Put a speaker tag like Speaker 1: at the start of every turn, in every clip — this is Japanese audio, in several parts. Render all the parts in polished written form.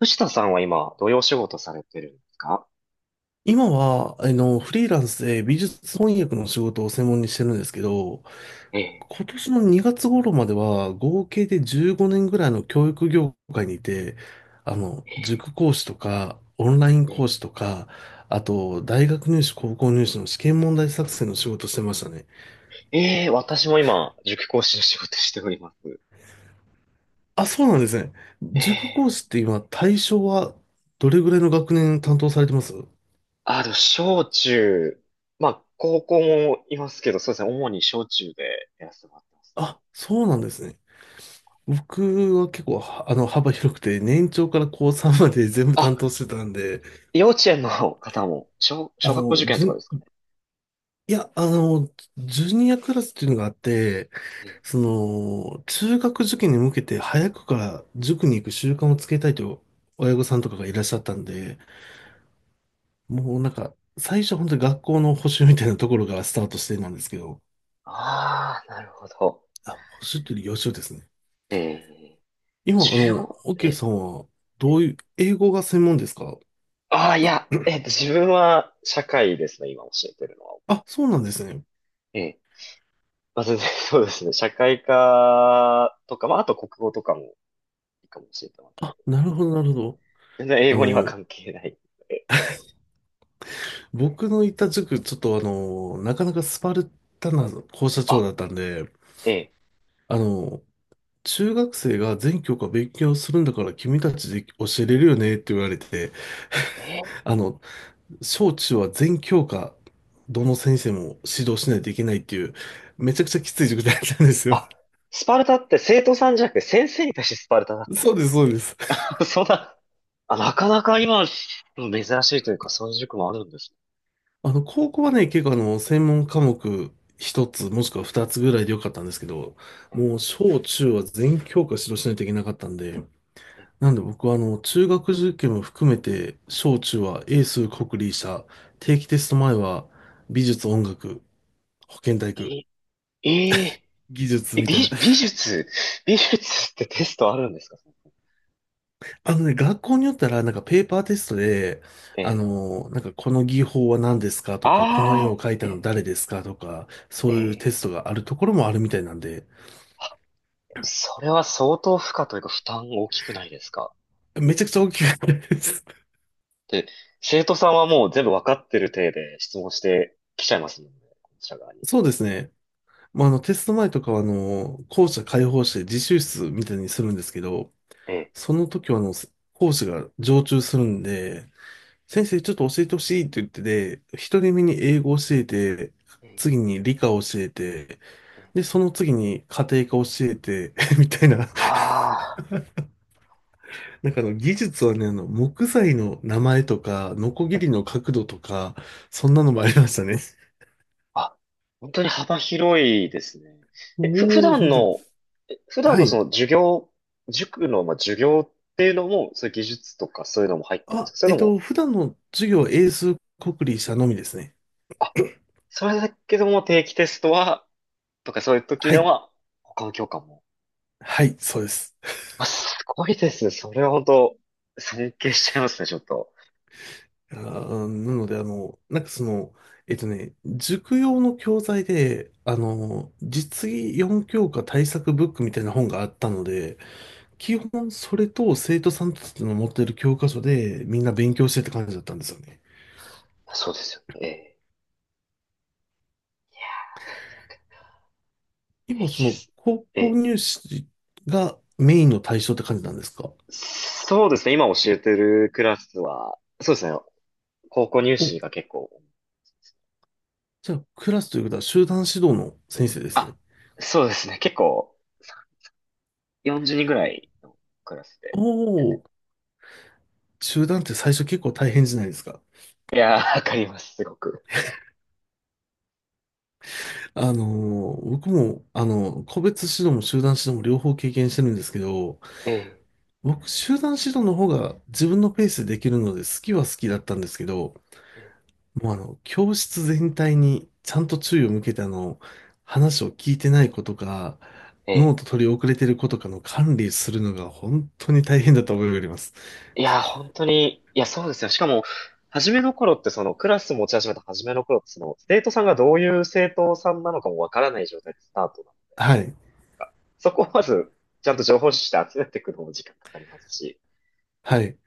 Speaker 1: 藤田さんは今、どういうお仕事されてるんですか？
Speaker 2: 今は、フリーランスで美術翻訳の仕事を専門にしてるんですけど、
Speaker 1: ええ、
Speaker 2: 今年の2月頃までは合計で15年ぐらいの教育業界にいて、塾講師とか、オンライン
Speaker 1: え
Speaker 2: 講師
Speaker 1: え、
Speaker 2: とか、あと、大学入試、高校入試の試験問題作成の仕事してましたね。
Speaker 1: ええ、私も今、塾講師の仕事しております。
Speaker 2: あ、そうなんですね。
Speaker 1: え
Speaker 2: 塾講
Speaker 1: え、
Speaker 2: 師って今、対象はどれぐらいの学年担当されてます？
Speaker 1: 小中、まあ、高校もいますけど、そうですね、主に小中でやらせてもらってますね。
Speaker 2: あ、そうなんですね。僕は結構、はあの、幅広くて、年長から高3まで全部担
Speaker 1: あ、
Speaker 2: 当してたんで、
Speaker 1: 幼稚園の方も、
Speaker 2: あ
Speaker 1: 小学校受
Speaker 2: の、
Speaker 1: 験
Speaker 2: じ
Speaker 1: と
Speaker 2: ゅ
Speaker 1: かですか
Speaker 2: ん、
Speaker 1: ね。
Speaker 2: いや、あの、ジュニアクラスっていうのがあって、
Speaker 1: ええ、
Speaker 2: その、中学受験に向けて早くから塾に行く習慣をつけたいという親御さんとかがいらっしゃったんで、もうなんか、最初は本当に学校の補習みたいなところがスタートしてなんですけど、
Speaker 1: ああ、なるほど。
Speaker 2: あ、補習というより予習ですね。
Speaker 1: ええ、
Speaker 2: 今、
Speaker 1: 15、
Speaker 2: オッ
Speaker 1: え
Speaker 2: ケー
Speaker 1: え、
Speaker 2: さんは、
Speaker 1: え
Speaker 2: ど
Speaker 1: え、
Speaker 2: ういう、英語が専門ですか？
Speaker 1: ああ、いや、自分は社会ですね、今教えてるのは。
Speaker 2: あ、そうなんですね。
Speaker 1: ええ。まあ、全然 そうですね。社会科とか、まあ、あと国語とかもいいかもしれないけ
Speaker 2: あ、
Speaker 1: ど。
Speaker 2: なるほど、なるほど。
Speaker 1: 全然英
Speaker 2: あ
Speaker 1: 語には
Speaker 2: の、
Speaker 1: 関係ない。え、
Speaker 2: 僕のいた塾、ちょっとあの、なかなかスパルタな校舎長
Speaker 1: あ、
Speaker 2: だったんで、
Speaker 1: ええ、
Speaker 2: あの、中学生が全教科勉強するんだから君たちで教えれるよねって言われて、
Speaker 1: ええ。
Speaker 2: あの、小中は全教科、どの先生も指導しないといけないっていう、めちゃくちゃきつい塾だったんですよ。
Speaker 1: あ、スパルタって生徒さんじゃなくて先生に対してスパルタだっ たん
Speaker 2: そ
Speaker 1: で
Speaker 2: うで
Speaker 1: す
Speaker 2: す、そうです。
Speaker 1: そんな、あ、なかなか今、珍しいというか、そういう塾もあるんです
Speaker 2: 高校はね、結構あの、専門科目一つ、もしくは二つぐらいでよかったんですけど、
Speaker 1: ね。
Speaker 2: もう小中は全教科指導しないといけなかったんで、
Speaker 1: え、
Speaker 2: なんで僕は中学受験も含めて、小中は英数国理社、定期テスト前は美術音楽、保健体育、
Speaker 1: え、え、ええ。
Speaker 2: 技術みたい
Speaker 1: 美、
Speaker 2: な。
Speaker 1: 美術、美術ってテストあるんですか？
Speaker 2: あのね、学校によったらなんかペーパーテストで、
Speaker 1: ええ。
Speaker 2: なんかこの技法は何ですかとか、この絵
Speaker 1: あ
Speaker 2: を
Speaker 1: あ、
Speaker 2: 描い
Speaker 1: え
Speaker 2: たの
Speaker 1: え、
Speaker 2: 誰ですかとか、
Speaker 1: え
Speaker 2: そういうテ
Speaker 1: え。
Speaker 2: ストがあるところもあるみたいなんで、
Speaker 1: それは相当負荷というか負担大きくないですか？
Speaker 2: めちゃくちゃ大きくったです。
Speaker 1: で、生徒さんはもう全部わかってる体で質問してきちゃいますもんね、こちら側に。
Speaker 2: そうですね。まあ、テスト前とかは校舎開放して自習室みたいにするんですけど、
Speaker 1: ええ。
Speaker 2: その時は講師が常駐するんで、先生ちょっと教えてほしいって言ってて、一人目に英語教えて、
Speaker 1: ええ、
Speaker 2: 次に理科教えて、
Speaker 1: ええ。
Speaker 2: で、その次に家庭科教えて、みたいな。
Speaker 1: あ
Speaker 2: 技術はね、木材の名前とか、ノコギリの角度とか、そんなのもありましたね。
Speaker 1: あ、あ、本当に幅広いですね。え、ふ、普
Speaker 2: おお、
Speaker 1: 段
Speaker 2: 本当。
Speaker 1: の、え普段
Speaker 2: は
Speaker 1: のそ
Speaker 2: い。
Speaker 1: の授業、塾の、まあ、授業っていうのも、そういう技術とかそういうのも入ってくるんです
Speaker 2: あ、
Speaker 1: か、それ
Speaker 2: えっ
Speaker 1: とも、
Speaker 2: と、普段の授業は英数国理社のみですね。
Speaker 1: あ、それだけでも定期テストは、とかそういう時
Speaker 2: は
Speaker 1: の
Speaker 2: い。
Speaker 1: は、他の教科も。
Speaker 2: はい、そうです。
Speaker 1: あ、すごいですね。それは本当、尊敬しちゃいますね、ちょっと。
Speaker 2: あーなので、塾用の教材で、実技4教科対策ブックみたいな本があったので、基本それと生徒さんたちの持ってる教科書でみんな勉強してって感じだったんですよね。
Speaker 1: そうですよね。ええ。平
Speaker 2: 今そ
Speaker 1: 気で
Speaker 2: の
Speaker 1: す。
Speaker 2: 高校
Speaker 1: え、
Speaker 2: 入試がメインの対象って感じなんですか？
Speaker 1: そうですね。今教えてるクラスは、そうですね。高校入
Speaker 2: お、
Speaker 1: 試が結構、
Speaker 2: じゃあクラスということは集団指導の先生です
Speaker 1: あ、
Speaker 2: ね。
Speaker 1: そうですね。結構、40人ぐらいのクラス
Speaker 2: お
Speaker 1: で。
Speaker 2: お、集団って最初結構大変じゃないですか。
Speaker 1: いやー、わかります、すごく。
Speaker 2: あの僕も、個別指導も集団指導も両方経験してるんですけど、
Speaker 1: ええ、
Speaker 2: 僕、集団指導の方が自分のペースでできるので好きは好きだったんですけど、
Speaker 1: ええ、
Speaker 2: もうあの、教室全体にちゃんと注意を向けて話を聞いてない子とか、
Speaker 1: え
Speaker 2: ノー
Speaker 1: え。
Speaker 2: ト取り遅れてる子とかの管理するのが本当に大変だと思いがあります。
Speaker 1: いやー、本当に、いや、そうですよ。しかも、初めの頃ってそのクラス持ち始めた初めの頃ってその生徒さんがどういう生徒さんなのかもわからない状態でスタートな、
Speaker 2: はい。
Speaker 1: そこをまず、ちゃんと情報収集して集めていくのも時間かかりますし。
Speaker 2: はい。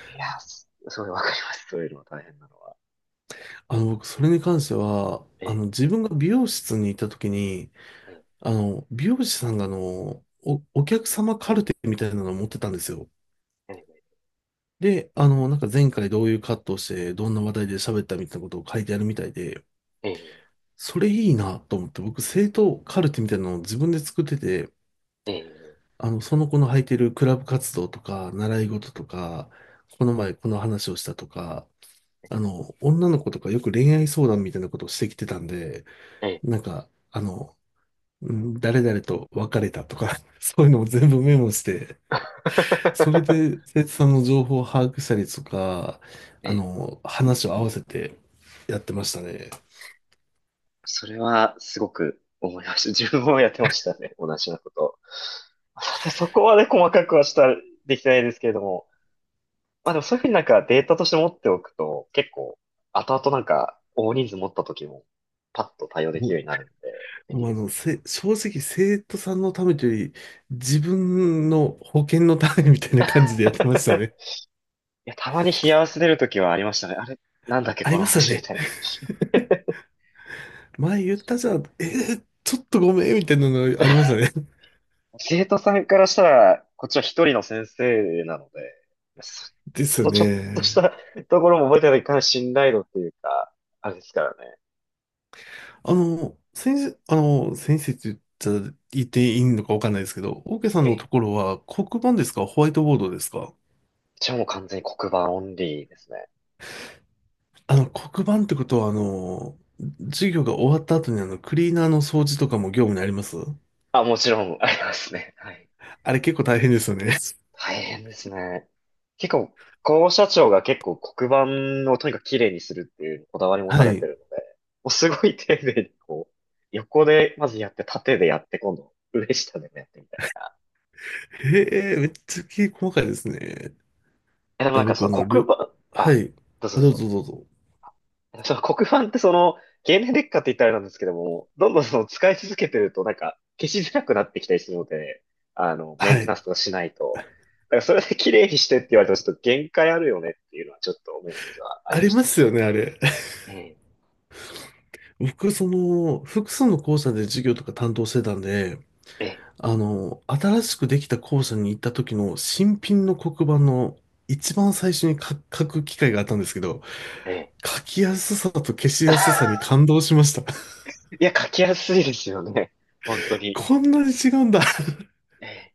Speaker 1: いや、すごいわかります。そういうのも大変なのは。
Speaker 2: 僕、それに関しては、
Speaker 1: ええ、
Speaker 2: 自分が美容室に行った時に、
Speaker 1: ええ、
Speaker 2: 美容師さんがお客様カルテみたいなのを持ってたんですよ。
Speaker 1: え
Speaker 2: で、前回どういうカットをして、どんな話題で喋ったみたいなことを書いてあるみたいで、
Speaker 1: え、ええ、
Speaker 2: それいいなと思って、僕、生徒カルテみたいなのを自分で作ってて、
Speaker 1: え
Speaker 2: その子の履いてるクラブ活動とか、習い事とか、この前この話をしたとか、女の子とかよく恋愛相談みたいなことをしてきてたんで、
Speaker 1: え、ええ。
Speaker 2: なんか、あの、うん誰々と別れたとか、そういうのを全部メモして、それ で、生徒さんの情報を把握したりとか、
Speaker 1: ええ。
Speaker 2: 話を合わせてやってましたね。
Speaker 1: それはすごく思いました。自分もやってましたね。同じようなことを。さてそこまで細かくはできてないですけれども。まあでもそういうふうになんかデータとして持っておくと、結構、後々なんか大人数持った時も、パッと対応でき
Speaker 2: も
Speaker 1: るようになるんで、便
Speaker 2: う、
Speaker 1: 利
Speaker 2: もう
Speaker 1: で
Speaker 2: あ
Speaker 1: す
Speaker 2: の、
Speaker 1: よね。
Speaker 2: せ、正直生徒さんのためというより、自分の保険のためみたいな
Speaker 1: い
Speaker 2: 感じでやってましたね。
Speaker 1: や、たまに冷や汗出る時はありましたね。あれ、なんだっけ、
Speaker 2: あ
Speaker 1: こ
Speaker 2: り
Speaker 1: の
Speaker 2: ました
Speaker 1: 話み
Speaker 2: ね。
Speaker 1: たいな。
Speaker 2: 前言ったじゃん。ちょっとごめん、みたいなのありましたね。
Speaker 1: 生徒さんからしたら、こっちは一人の先生なので、そ、
Speaker 2: で
Speaker 1: そ
Speaker 2: すよ
Speaker 1: のちょっとし
Speaker 2: ね。
Speaker 1: た ところも覚えてないといかない信頼度っていうか、あれですからね。
Speaker 2: 先生って言ったら言っていいのかわかんないですけど、オーケーさん
Speaker 1: え
Speaker 2: のと
Speaker 1: え、
Speaker 2: ころは黒板ですか、ホワイトボードですか？
Speaker 1: じゃあもう完全に黒板オンリーですね。
Speaker 2: 黒板ってことは、授業が終わった後にクリーナーの掃除とかも業務にあります？
Speaker 1: あ、もちろんありますね。はい。
Speaker 2: あれ結構大変ですよね。
Speaker 1: 大変ですね。結構、校舎長が結構黒板をとにかく綺麗にするっていうこだわり 持た
Speaker 2: は
Speaker 1: れて
Speaker 2: い。
Speaker 1: るので、もうすごい丁寧にこう、横でまずやって、縦でやって、今度、上下でもやってみたいな。
Speaker 2: へえ、めっちゃ細かいですね。
Speaker 1: え、でも
Speaker 2: え、
Speaker 1: なんか
Speaker 2: 僕
Speaker 1: そ
Speaker 2: あ
Speaker 1: の
Speaker 2: の、り
Speaker 1: 黒
Speaker 2: ょ、
Speaker 1: 板、
Speaker 2: は
Speaker 1: あ、
Speaker 2: い。
Speaker 1: どうぞ
Speaker 2: あ、
Speaker 1: どう
Speaker 2: どう
Speaker 1: ぞ。
Speaker 2: ぞどうぞ。
Speaker 1: その黒板ってその、経年劣化って言ったらあれなんですけども、どんどんその使い続けてるとなんか消しづらくなってきたりするので、あの、メ
Speaker 2: は
Speaker 1: ンテナン
Speaker 2: い。
Speaker 1: スとかしないと。だからそれで綺麗にしてって言われてもちょっと限界あるよねっていうのはちょっと思う時はあり
Speaker 2: あ
Speaker 1: ま
Speaker 2: り
Speaker 1: し
Speaker 2: ま
Speaker 1: た。
Speaker 2: すよね、あれ。
Speaker 1: ええ、
Speaker 2: 僕、その、複数の校舎で授業とか担当してたんで、
Speaker 1: ええ、
Speaker 2: 新しくできた校舎に行った時の新品の黒板の一番最初に書く機会があったんですけど、
Speaker 1: ええ。
Speaker 2: 書きやすさと消しやすさに 感動しました。
Speaker 1: いや、書きやすいですよね。本当に。
Speaker 2: こんなに違うんだ。
Speaker 1: ええ。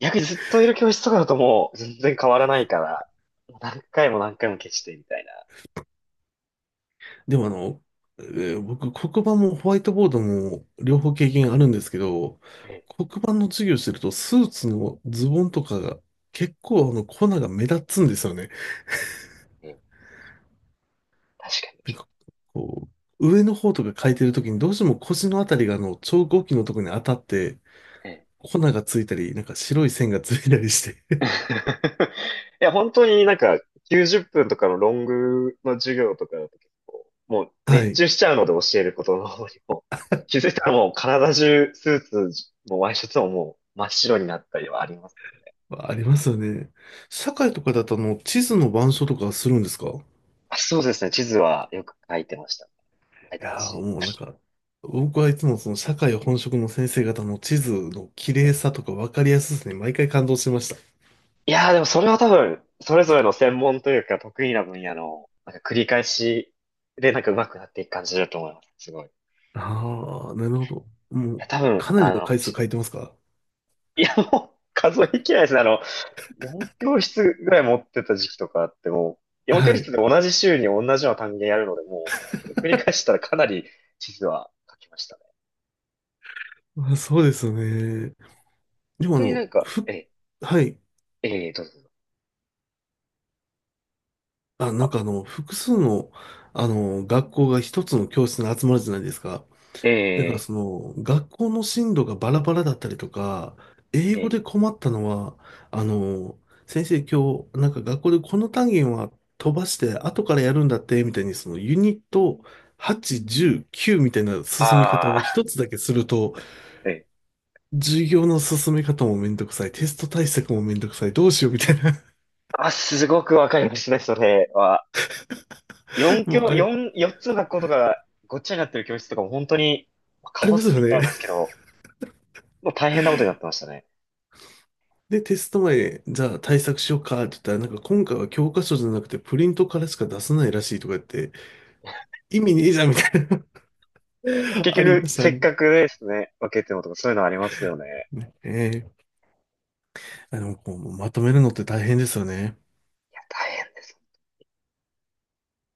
Speaker 1: 逆にずっといる教室とかだともう全然変わらないから、何回も何回も消してみたいな。
Speaker 2: でもあの、えー僕、黒板もホワイトボードも両方経験あるんですけど、
Speaker 1: ええ、
Speaker 2: 黒板の授業してるとスーツのズボンとかが結構あの粉が目立つんですよね。
Speaker 1: ええ、ええ。確か
Speaker 2: なん
Speaker 1: に。
Speaker 2: かこ上の方とか書いてるときにどうしても腰のあたりがあの超合金のとこに当たって
Speaker 1: ええ。
Speaker 2: 粉がついたり、なんか白い線がついたりして。
Speaker 1: いや、本当になんか90分とかのロングの授業とかだと結構、もう
Speaker 2: は
Speaker 1: 熱
Speaker 2: い。
Speaker 1: 中しちゃうので教えることの方にも、気づいたらもう体中スーツもワイシャツももう真っ白になったりはありますよね。
Speaker 2: ありますよね。社会とかだとあの地図の板書とかするんですか？
Speaker 1: あ、そうですね。地図はよく書いてました。書い
Speaker 2: い
Speaker 1: てます
Speaker 2: やー、
Speaker 1: し。
Speaker 2: もうなんか、僕はいつもその社会本職の先生方の地図の綺麗さとか分かりやすさに毎回感動してました。
Speaker 1: いやーでもそれは多分、それぞれの専門というか得意な分野の、なんか繰り返しでなんか上手くなっていく感じだと思います。すごい。い
Speaker 2: ああ、なるほど。もう、
Speaker 1: や、多分、
Speaker 2: かな
Speaker 1: あ
Speaker 2: りの
Speaker 1: の、
Speaker 2: 回数書いてますか？
Speaker 1: いや、もう数えきれないですね。あの、4教室ぐらい持ってた時期とかあっても4教
Speaker 2: はい。
Speaker 1: 室で同じ週に同じような単元やるので、それ繰り返したらかなり地図は書きましたね。
Speaker 2: あ、そうですよね。でもあ
Speaker 1: 逆にな
Speaker 2: の、
Speaker 1: んか、
Speaker 2: ふ、
Speaker 1: え、
Speaker 2: はい。
Speaker 1: えー、どうぞどうぞ。
Speaker 2: あ、なん
Speaker 1: あ、
Speaker 2: かあの、複数の、あの、学校が一つの教室に集まるじゃないですか。だからそ
Speaker 1: え
Speaker 2: の、学校の進路がバラバラだったりとか、英
Speaker 1: ー、え
Speaker 2: 語
Speaker 1: ー、
Speaker 2: で困ったのは、あの、先生今日、なんか学校でこの単元は飛ばして後からやるんだって、みたいにそのユニット8、10、9みたいな進み方を一
Speaker 1: あ
Speaker 2: つだけすると、
Speaker 1: ー、えー、
Speaker 2: 授業の進め方もめんどくさい、テスト対策もめんどくさい、どうしようみたいな、
Speaker 1: あ、すごくわかりますね、それは。4
Speaker 2: もう
Speaker 1: 教、
Speaker 2: あれ、
Speaker 1: 四つの学校とかごっちゃになってる教室とかも本当に、まあ
Speaker 2: あ
Speaker 1: カ
Speaker 2: り
Speaker 1: オ
Speaker 2: ま
Speaker 1: スっ
Speaker 2: す
Speaker 1: て
Speaker 2: よ
Speaker 1: 言っ
Speaker 2: ね。
Speaker 1: たんですけど、もう大変なことになってましたね。
Speaker 2: で、テスト前、じゃあ対策しようかって言ったら、なんか今回は教科書じゃなくてプリントからしか出せないらしいとか言って、意味ねえじゃんみたいな
Speaker 1: 結
Speaker 2: ありま
Speaker 1: 局、
Speaker 2: し
Speaker 1: せ
Speaker 2: た
Speaker 1: っ
Speaker 2: ね。
Speaker 1: かくですね、分けてもとかそういうのありますよね。
Speaker 2: ええ、あの、こうまとめるのって大変ですよね。
Speaker 1: 大変